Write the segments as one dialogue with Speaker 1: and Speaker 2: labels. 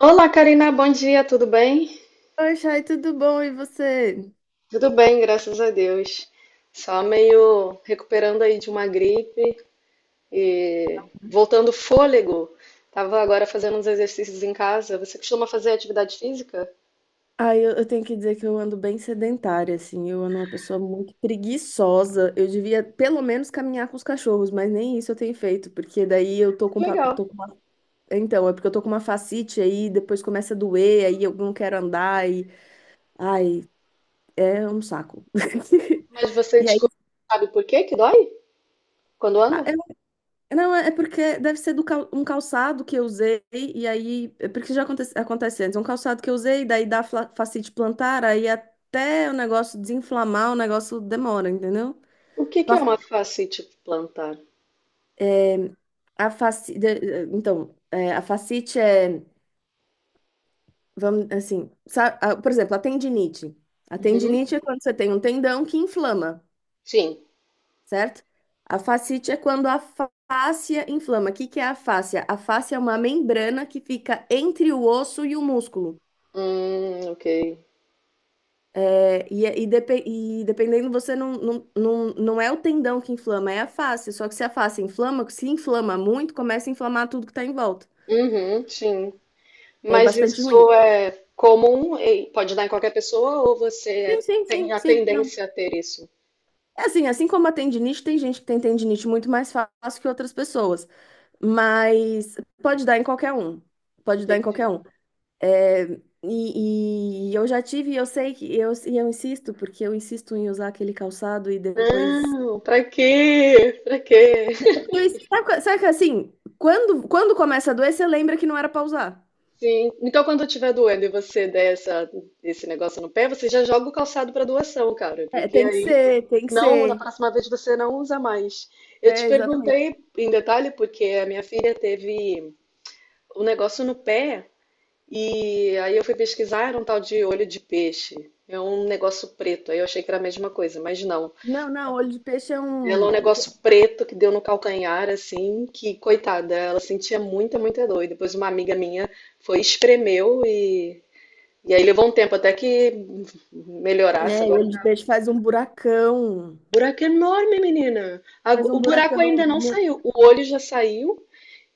Speaker 1: Olá, Karina, bom dia, tudo bem?
Speaker 2: Oi, Chay, tudo bom? E você?
Speaker 1: Tudo bem, graças a Deus. Só meio recuperando aí de uma gripe e voltando o fôlego. Tava agora fazendo uns exercícios em casa. Você costuma fazer atividade física?
Speaker 2: Ah, eu tenho que dizer que eu ando bem sedentária, assim. Eu ando uma pessoa muito preguiçosa. Eu devia, pelo menos, caminhar com os cachorros, mas nem isso eu tenho feito, porque daí eu
Speaker 1: Legal.
Speaker 2: tô com uma. Então, é porque eu tô com uma fascite aí, depois começa a doer, aí eu não quero andar, e. Ai, é um saco.
Speaker 1: Mas você
Speaker 2: E aí.
Speaker 1: descobriu, sabe por que que dói quando anda?
Speaker 2: Não, é porque deve ser um calçado que eu usei, e aí. É. Porque já acontece, antes, um calçado que eu usei, daí fascite plantar, aí até o negócio desinflamar, o negócio demora, entendeu?
Speaker 1: O que que é
Speaker 2: Pa-
Speaker 1: uma fascite plantar?
Speaker 2: É. A faci... de- eh, Então, é, a fascite é, vamos assim, por exemplo, a tendinite. A
Speaker 1: Uhum.
Speaker 2: tendinite é quando você tem um tendão que inflama.
Speaker 1: Sim.
Speaker 2: Certo? A fascite é quando a fáscia inflama. O que que é a fáscia? A fáscia é uma membrana que fica entre o osso e o músculo.
Speaker 1: Ok.
Speaker 2: É, e dependendo, você não é o tendão que inflama, é a fáscia. Só que se a fáscia inflama, se inflama muito, começa a inflamar tudo que está em volta.
Speaker 1: Uhum, sim.
Speaker 2: É
Speaker 1: Mas
Speaker 2: bastante ruim.
Speaker 1: isso é comum e pode dar em qualquer pessoa ou
Speaker 2: Sim,
Speaker 1: você
Speaker 2: sim,
Speaker 1: tem
Speaker 2: sim,
Speaker 1: a
Speaker 2: sim, não.
Speaker 1: tendência a ter isso?
Speaker 2: É assim, assim como a tendinite, tem gente que tem tendinite muito mais fácil que outras pessoas, mas pode dar em qualquer um. Pode dar em
Speaker 1: Entendi.
Speaker 2: qualquer um. É. E eu já tive, eu sei que eu, e eu insisto, porque eu insisto em usar aquele calçado e depois.
Speaker 1: Não, pra quê? Pra quê?
Speaker 2: Sabe, sabe que assim, quando começa a doer, você lembra que não era pra usar.
Speaker 1: Sim. Então, quando eu estiver doendo e você der essa, esse negócio no pé, você já joga o calçado para doação, cara,
Speaker 2: É,
Speaker 1: porque
Speaker 2: tem que
Speaker 1: aí
Speaker 2: ser, tem que
Speaker 1: não, na
Speaker 2: ser.
Speaker 1: próxima vez você não usa mais. Eu te
Speaker 2: É, exatamente.
Speaker 1: perguntei em detalhe porque a minha filha teve um negócio no pé. E aí eu fui pesquisar, era um tal de olho de peixe. É um negócio preto. Aí eu achei que era a mesma coisa, mas não.
Speaker 2: Não, não, olho de peixe é
Speaker 1: Ela é um
Speaker 2: um.
Speaker 1: negócio preto que deu no calcanhar, assim, que, coitada, ela sentia muita, muita dor. E depois uma amiga minha foi, espremeu e. E aí levou um tempo até que melhorasse.
Speaker 2: É,
Speaker 1: Agora
Speaker 2: olho de
Speaker 1: tá.
Speaker 2: peixe faz um buracão.
Speaker 1: Buraco enorme, menina.
Speaker 2: Faz um
Speaker 1: O buraco ainda
Speaker 2: buracão.
Speaker 1: não
Speaker 2: Né?
Speaker 1: saiu. O olho já saiu.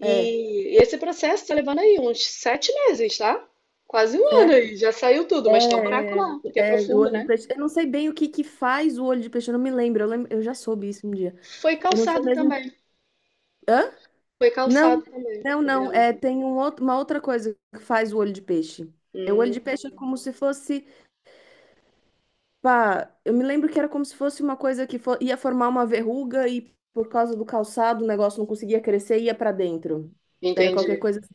Speaker 2: É,
Speaker 1: E esse processo tá levando aí uns 7 meses, tá? Quase um ano aí, já saiu tudo, mas tá o buraco lá, porque é
Speaker 2: O
Speaker 1: profundo,
Speaker 2: olho de
Speaker 1: né?
Speaker 2: peixe. Eu não sei bem o que que faz o olho de peixe, eu não me lembro. Eu lembro, eu já soube isso um dia.
Speaker 1: Foi
Speaker 2: Eu não sei
Speaker 1: calçado
Speaker 2: mesmo.
Speaker 1: também,
Speaker 2: Hã?
Speaker 1: foi
Speaker 2: Não,
Speaker 1: calçado também
Speaker 2: não,
Speaker 1: o
Speaker 2: não.
Speaker 1: dela.
Speaker 2: É, tem uma outra coisa que faz o olho de peixe. É, o olho
Speaker 1: Hum,
Speaker 2: de peixe é como se fosse, pá, eu me lembro que era como se fosse uma coisa que ia formar uma verruga e por causa do calçado o negócio não conseguia crescer e ia pra dentro. Era qualquer
Speaker 1: entendi.
Speaker 2: coisa assim.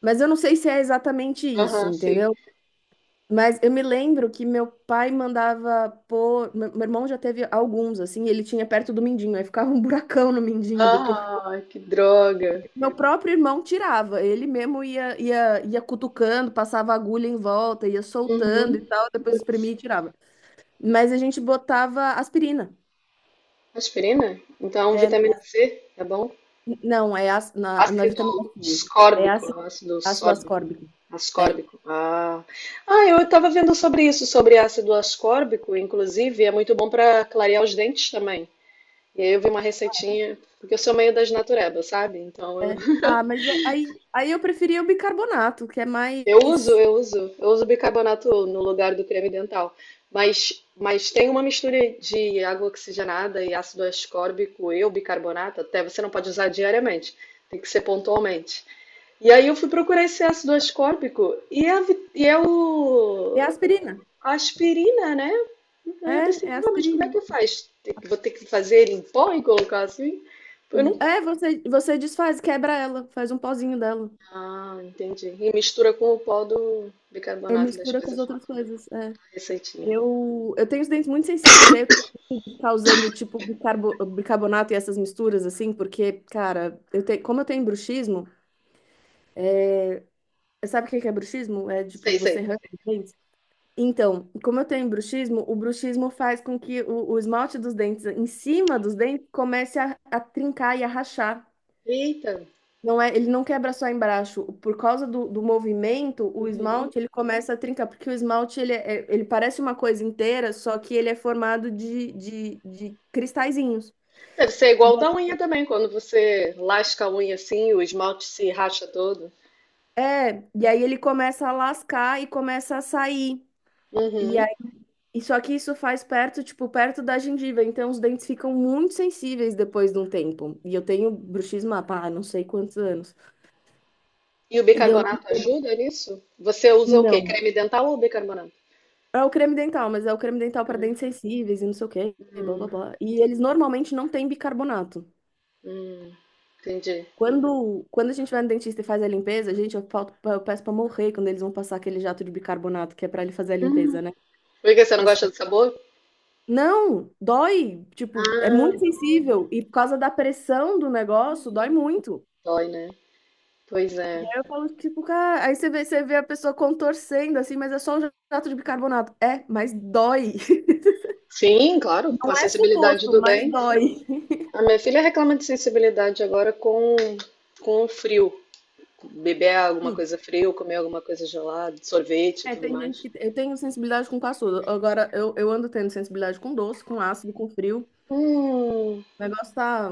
Speaker 2: Mas eu não sei se é exatamente isso,
Speaker 1: Aham, sim.
Speaker 2: entendeu? Mas eu me lembro que meu pai mandava pôr. Meu irmão já teve alguns, assim, ele tinha perto do mindinho, aí ficava um buracão no mindinho depois.
Speaker 1: Ah, que droga.
Speaker 2: Meu próprio irmão tirava, ele mesmo ia cutucando, passava agulha em volta, ia soltando e
Speaker 1: Uhum.
Speaker 2: tal, depois
Speaker 1: Putz.
Speaker 2: espremia e tirava. Mas a gente botava aspirina.
Speaker 1: Aspirina? Então,
Speaker 2: É,
Speaker 1: vitamina C, tá bom?
Speaker 2: não, na
Speaker 1: Ácido
Speaker 2: vitamina C. É
Speaker 1: ascórbico,
Speaker 2: ácido,
Speaker 1: ácido
Speaker 2: ácido
Speaker 1: sórbico.
Speaker 2: ascórbico. É,
Speaker 1: Ascórbico. Ah. Ah, eu estava vendo sobre isso, sobre ácido ascórbico, inclusive, é muito bom para clarear os dentes também. E aí eu vi uma receitinha, porque eu sou meio das naturebas, sabe? Então eu,
Speaker 2: é. Ah, mas aí, eu preferia o bicarbonato, que é mais.
Speaker 1: eu uso bicarbonato no lugar do creme dental. Mas tem uma mistura de água oxigenada e ácido ascórbico e o bicarbonato, até você não pode usar diariamente, tem que ser pontualmente. E aí eu fui procurar esse ácido ascórbico e é
Speaker 2: É
Speaker 1: o
Speaker 2: aspirina.
Speaker 1: aspirina, né? Aí eu
Speaker 2: É,
Speaker 1: pensei,
Speaker 2: é
Speaker 1: não, mas como é
Speaker 2: aspirina.
Speaker 1: que faz? Vou ter que fazer ele em pó e colocar assim? Eu não...
Speaker 2: É, você desfaz, quebra ela, faz um pozinho dela.
Speaker 1: Ah, entendi. E mistura com o pó do
Speaker 2: Eu
Speaker 1: bicarbonato das
Speaker 2: mistura com as
Speaker 1: coisas lá,
Speaker 2: outras coisas. É.
Speaker 1: a receitinha.
Speaker 2: Eu tenho os dentes muito sensíveis, aí eu tenho que ficar usando tipo bicarbonato e essas misturas, assim, porque, cara, eu tenho, como eu tenho bruxismo, sabe o que que é bruxismo? É tipo,
Speaker 1: Sei,
Speaker 2: você
Speaker 1: sei.
Speaker 2: arranca os dentes. Então, como eu tenho bruxismo, o bruxismo faz com que o esmalte dos dentes, em cima dos dentes, comece a trincar e a rachar.
Speaker 1: Eita.
Speaker 2: Não é, ele não quebra só embaixo. Por causa do movimento, o
Speaker 1: Uhum.
Speaker 2: esmalte ele começa a trincar, porque o esmalte ele parece uma coisa inteira, só que ele é formado de cristalzinhos.
Speaker 1: Deve ser igual o da unha também, quando você lasca a unha assim, o esmalte se racha todo.
Speaker 2: É, e aí ele começa a lascar e começa a sair. E
Speaker 1: Uhum.
Speaker 2: aí, e só que isso faz perto, tipo, perto da gengiva, então os dentes ficam muito sensíveis depois de um tempo. E eu tenho bruxismo há, pá, não sei quantos anos.
Speaker 1: E o
Speaker 2: E eu
Speaker 1: bicarbonato
Speaker 2: não,
Speaker 1: ajuda nisso? Você usa o quê?
Speaker 2: não.
Speaker 1: Creme dental ou bicarbonato?
Speaker 2: É o creme dental, mas é o creme dental para dentes sensíveis e não sei o quê, blá blá blá. E eles normalmente não têm bicarbonato.
Speaker 1: Hum, entendi.
Speaker 2: Quando a gente vai no dentista e faz a limpeza, gente, eu peço pra morrer quando eles vão passar aquele jato de bicarbonato que é pra ele fazer a
Speaker 1: Hum.
Speaker 2: limpeza, né?
Speaker 1: Por que você não
Speaker 2: Nossa,
Speaker 1: gosta do sabor?
Speaker 2: não, dói, tipo, é
Speaker 1: Ah,
Speaker 2: muito sensível e por causa da pressão do negócio, dói muito.
Speaker 1: dói, né? Pois
Speaker 2: Aí
Speaker 1: é.
Speaker 2: eu falo, tipo, cara, aí você vê a pessoa contorcendo assim, mas é só um jato de bicarbonato. É, mas dói.
Speaker 1: Sim, claro, com a
Speaker 2: Não é
Speaker 1: sensibilidade
Speaker 2: suposto,
Speaker 1: do
Speaker 2: mas
Speaker 1: dente.
Speaker 2: dói.
Speaker 1: A minha filha reclama de sensibilidade agora com o frio. Beber alguma coisa fria, ou comer alguma coisa gelada, sorvete e
Speaker 2: É,
Speaker 1: tudo
Speaker 2: tem gente
Speaker 1: mais.
Speaker 2: que. Eu tenho sensibilidade com caçudo. Agora, eu ando tendo sensibilidade com doce, com ácido, com frio.
Speaker 1: Hum.
Speaker 2: O negócio tá.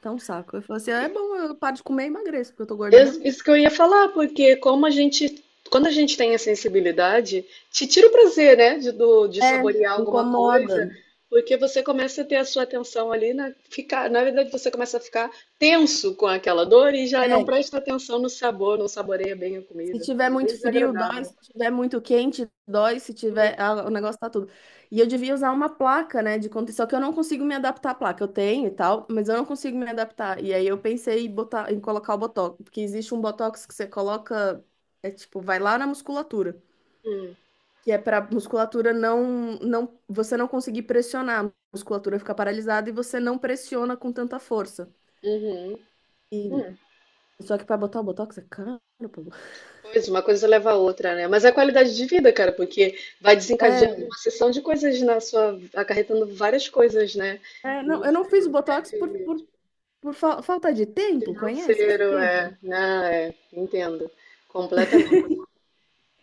Speaker 2: Tá um saco. Eu falo assim, "Ah, é bom, eu paro de comer e emagreço, porque eu tô gorda mesmo."
Speaker 1: Isso que eu ia falar, porque como a gente, quando a gente tem a sensibilidade, te tira o prazer, né, de
Speaker 2: É,
Speaker 1: saborear alguma
Speaker 2: incomoda.
Speaker 1: coisa, porque você começa a ter a sua atenção ali na ficar, na verdade você começa a ficar tenso com aquela dor e já não
Speaker 2: É,
Speaker 1: presta atenção no sabor, não saboreia bem a
Speaker 2: se
Speaker 1: comida.
Speaker 2: tiver
Speaker 1: Bem
Speaker 2: muito frio, dói.
Speaker 1: desagradável.
Speaker 2: Se tiver muito quente, dói. Se tiver, ah, o negócio tá tudo. E eu devia usar uma placa, né, de conta. Só que eu não consigo me adaptar à placa. Eu tenho e tal, mas eu não consigo me adaptar. E aí eu pensei em em colocar o botox, porque existe um botox que você coloca. É tipo, vai lá na musculatura.
Speaker 1: Hum,
Speaker 2: Que é para musculatura você não conseguir pressionar, a musculatura fica paralisada e você não pressiona com tanta força.
Speaker 1: uhum,
Speaker 2: E,
Speaker 1: hum.
Speaker 2: só que para botar o botox é caro, pô.
Speaker 1: Pois, uma coisa leva a outra, né? Mas é a qualidade de vida, cara, porque vai desencadeando
Speaker 2: É,
Speaker 1: uma sessão de coisas na sua, acarretando várias coisas, né?
Speaker 2: não,
Speaker 1: No
Speaker 2: eu não
Speaker 1: seu
Speaker 2: fiz o
Speaker 1: dia a
Speaker 2: botox por,
Speaker 1: dia.
Speaker 2: por, por fa- falta de tempo, conhece esse
Speaker 1: Financeiro,
Speaker 2: tempo?
Speaker 1: é. Não, é, entendo. Completamente.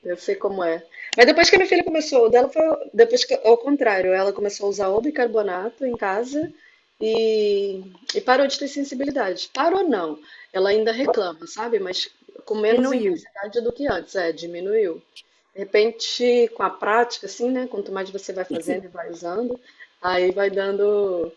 Speaker 1: Eu sei como é. Mas depois que a minha filha começou, o dela foi depois que, ao contrário, ela começou a usar o bicarbonato em casa e, e parou de ter sensibilidade. Parou não. Ela ainda reclama, sabe? Mas com menos
Speaker 2: Diminuiu.
Speaker 1: intensidade do que antes, é, diminuiu. De repente, com a prática, assim, né? Quanto mais você vai
Speaker 2: Sim,
Speaker 1: fazendo e vai usando, aí vai dando,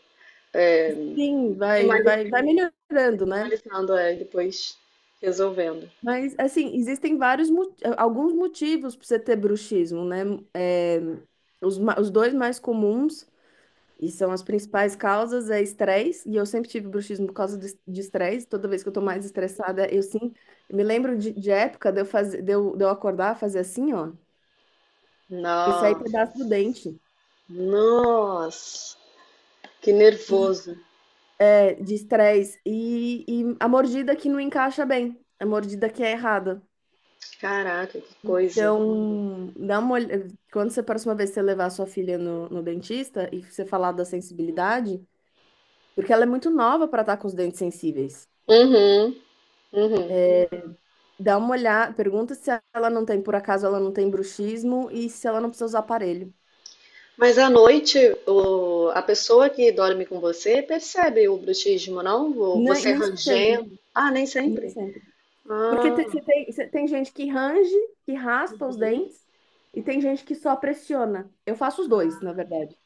Speaker 1: é,
Speaker 2: sim, vai,
Speaker 1: minimali-
Speaker 2: vai, vai melhorando, né?
Speaker 1: minimalizando, é, e depois resolvendo.
Speaker 2: Mas, assim, existem alguns motivos para você ter bruxismo, né? É, os dois mais comuns e são as principais causas é estresse, e eu sempre tive bruxismo por causa de estresse. Toda vez que eu tô mais estressada, eu sim. Eu me lembro de época de eu acordar, fazer assim, ó, e sair
Speaker 1: Nossa,
Speaker 2: pedaço do dente,
Speaker 1: nossa, que nervoso.
Speaker 2: é, de estresse. E a mordida que não encaixa bem, a mordida que é errada.
Speaker 1: Caraca, que coisa.
Speaker 2: Então, dá uma olh- Quando você, A próxima vez que você levar a sua filha no dentista e você falar da sensibilidade, porque ela é muito nova para estar com os dentes sensíveis.
Speaker 1: Uhum, uhum.
Speaker 2: Dá uma olhada, pergunta se ela não tem, por acaso ela não tem bruxismo e se ela não precisa usar aparelho.
Speaker 1: Mas à noite, a pessoa que dorme com você percebe o bruxismo, não?
Speaker 2: Nem,
Speaker 1: Você
Speaker 2: nem sempre,
Speaker 1: rangendo. Ah, nem
Speaker 2: nem
Speaker 1: sempre.
Speaker 2: sempre. Porque
Speaker 1: Ah,
Speaker 2: você tem gente que range, que raspa os dentes, e tem gente que só pressiona. Eu faço os dois, na verdade.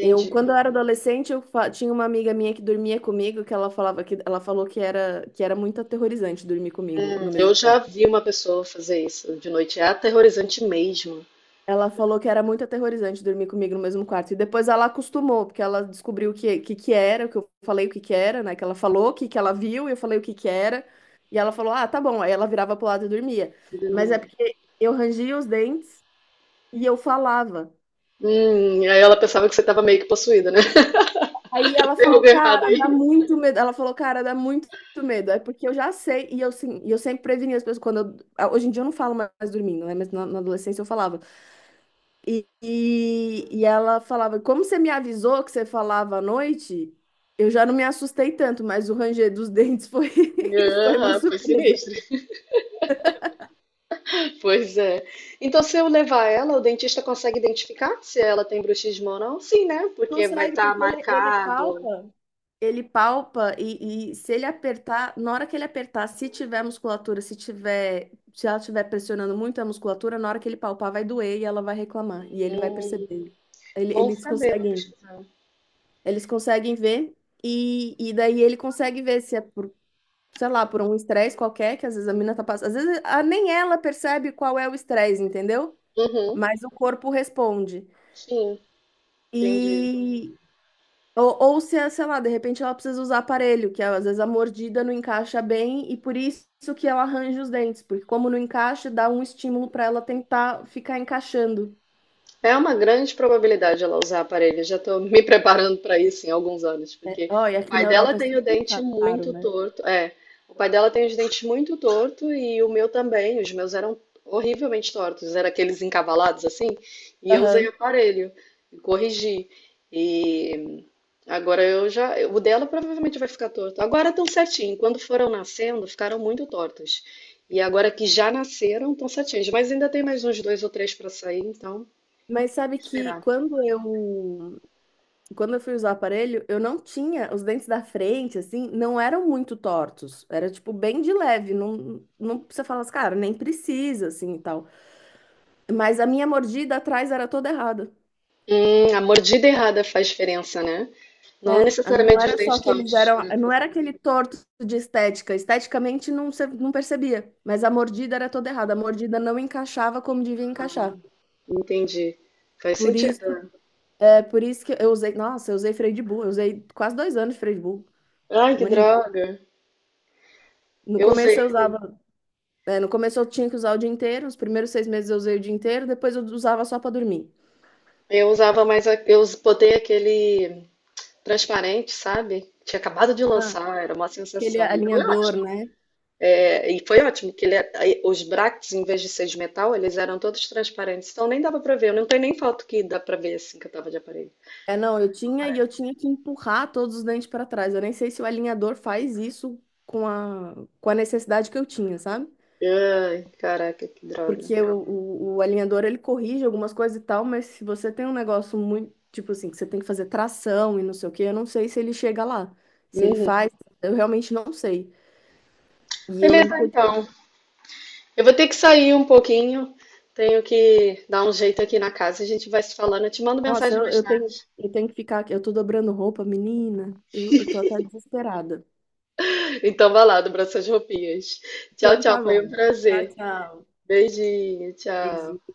Speaker 2: Quando eu era adolescente, tinha uma amiga minha que dormia comigo, que ela falou que era muito aterrorizante dormir comigo
Speaker 1: Hum.
Speaker 2: no
Speaker 1: Eu
Speaker 2: mesmo
Speaker 1: já
Speaker 2: quarto.
Speaker 1: vi uma pessoa fazer isso de noite. É aterrorizante mesmo.
Speaker 2: Ela falou que era muito aterrorizante dormir comigo no mesmo quarto. E depois ela acostumou, porque ela descobriu que era, o que eu falei o que era, né? Que ela falou, que ela viu, e eu falei o que era. E ela falou, ah, tá bom. Aí ela virava pro lado e dormia. Mas é porque eu rangia os dentes e eu falava.
Speaker 1: Aí ela pensava que você estava meio que possuída, né?
Speaker 2: Aí ela
Speaker 1: Tem
Speaker 2: falou,
Speaker 1: algo errado
Speaker 2: cara, dá
Speaker 1: aí.
Speaker 2: muito medo. Ela falou, cara, dá muito medo. É porque eu já sei, e eu, sim, e eu sempre prevenia as pessoas. Hoje em dia eu não falo mais dormindo, né? Mas na adolescência eu falava. E ela falava, como você me avisou que você falava à noite, eu já não me assustei tanto, mas o ranger dos dentes foi, foi uma
Speaker 1: Ah, foi
Speaker 2: surpresa.
Speaker 1: sinistro. Pois é. Então, se eu levar ela, o dentista consegue identificar se ela tem bruxismo ou não? Sim, né? Porque vai
Speaker 2: Consegue,
Speaker 1: estar
Speaker 2: porque ele
Speaker 1: marcado.
Speaker 2: palpa, ele palpa e se ele apertar, na hora que ele apertar, se tiver musculatura, se tiver, se ela estiver pressionando muito a musculatura, na hora que ele palpar vai doer e ela vai reclamar, e ele vai
Speaker 1: Hum,
Speaker 2: perceber.
Speaker 1: bom
Speaker 2: Eles
Speaker 1: saber, vou
Speaker 2: conseguem,
Speaker 1: pesquisar.
Speaker 2: ver e daí ele consegue ver se é por, sei lá, por um estresse qualquer que às vezes a mina tá passando. Às vezes nem ela percebe qual é o estresse, entendeu?
Speaker 1: Uhum,
Speaker 2: Mas o corpo responde.
Speaker 1: sim, entendi.
Speaker 2: E. Ou se, é, sei lá, de repente ela precisa usar aparelho, que é, às vezes a mordida não encaixa bem e por isso que ela arranja os dentes, porque como não encaixa, dá um estímulo para ela tentar ficar encaixando.
Speaker 1: É uma grande probabilidade ela usar aparelho. Já estou me preparando para isso em alguns anos, porque
Speaker 2: Ó, e
Speaker 1: o
Speaker 2: aqui
Speaker 1: pai
Speaker 2: na
Speaker 1: dela
Speaker 2: Europa é
Speaker 1: tem o
Speaker 2: super
Speaker 1: dente
Speaker 2: caro,
Speaker 1: muito
Speaker 2: né?
Speaker 1: torto. É, o pai dela tem os dentes muito torto e o meu também. Os meus eram horrivelmente tortos, eram aqueles encavalados assim. E eu usei
Speaker 2: Aham.
Speaker 1: aparelho e corrigi. E agora eu já, o dela provavelmente vai ficar torto. Agora estão certinho. Quando foram nascendo, ficaram muito tortos. E agora que já nasceram, estão certinhos. Mas ainda tem mais uns dois ou três para sair, então
Speaker 2: Mas sabe que
Speaker 1: esperar.
Speaker 2: quando eu fui usar o aparelho, eu não tinha, os dentes da frente, assim, não eram muito tortos. Era, tipo, bem de leve. Não, não precisa falar assim, cara, nem precisa, assim, e tal. Mas a minha mordida atrás era toda errada.
Speaker 1: A mordida errada faz diferença, né? Não
Speaker 2: Né? Não
Speaker 1: necessariamente os
Speaker 2: era só
Speaker 1: dentes
Speaker 2: que eles
Speaker 1: tortos.
Speaker 2: eram, não era aquele torto de estética. Esteticamente não, não percebia, mas a mordida era toda errada. A mordida não encaixava como devia encaixar.
Speaker 1: Entendi. Faz
Speaker 2: Por isso,
Speaker 1: sentido.
Speaker 2: por isso que eu usei, nossa, eu usei freio de burro. Eu usei quase 2 anos de freio de burro.
Speaker 1: Ai,
Speaker 2: Um
Speaker 1: que
Speaker 2: ano e meio.
Speaker 1: droga.
Speaker 2: No
Speaker 1: Eu
Speaker 2: começo eu
Speaker 1: usei.
Speaker 2: usava. É, no começo eu tinha que usar o dia inteiro, os primeiros 6 meses eu usei o dia inteiro, depois eu usava só para dormir.
Speaker 1: Eu usava mais. Botei aquele transparente, sabe? Tinha acabado de
Speaker 2: Ah,
Speaker 1: lançar, era uma
Speaker 2: aquele
Speaker 1: sensação. E foi
Speaker 2: alinhador,
Speaker 1: ótimo.
Speaker 2: né?
Speaker 1: É, e foi ótimo, que ele, é, aí os brackets, em vez de ser de metal, eles eram todos transparentes. Então nem dava pra ver. Eu não tenho nem foto que dá pra ver assim que eu tava de aparelho.
Speaker 2: É, não, eu tinha e eu tinha que empurrar todos os dentes para trás. Eu nem sei se o alinhador faz isso com a necessidade que eu tinha, sabe?
Speaker 1: Ai, caraca, que droga.
Speaker 2: Porque o alinhador ele corrige algumas coisas e tal, mas se você tem um negócio muito, tipo assim, que você tem que fazer tração e não sei o quê, eu não sei se ele chega lá. Se ele
Speaker 1: Uhum.
Speaker 2: faz, eu realmente não sei. E eu lembro
Speaker 1: Beleza,
Speaker 2: que eu.
Speaker 1: então. Eu vou ter que sair um pouquinho, tenho que dar um jeito aqui na casa, a gente vai se falando, eu te mando
Speaker 2: Nossa,
Speaker 1: mensagem
Speaker 2: eu,
Speaker 1: mais
Speaker 2: eu tenho,
Speaker 1: tarde.
Speaker 2: eu tenho que ficar aqui. Eu tô dobrando roupa, menina. Eu tô até desesperada.
Speaker 1: Então vai lá, dobra suas roupinhas. Tchau,
Speaker 2: Então
Speaker 1: tchau,
Speaker 2: tá
Speaker 1: foi
Speaker 2: bom.
Speaker 1: um
Speaker 2: Tchau,
Speaker 1: prazer.
Speaker 2: tchau.
Speaker 1: Beijinho, tchau.
Speaker 2: Beijinho.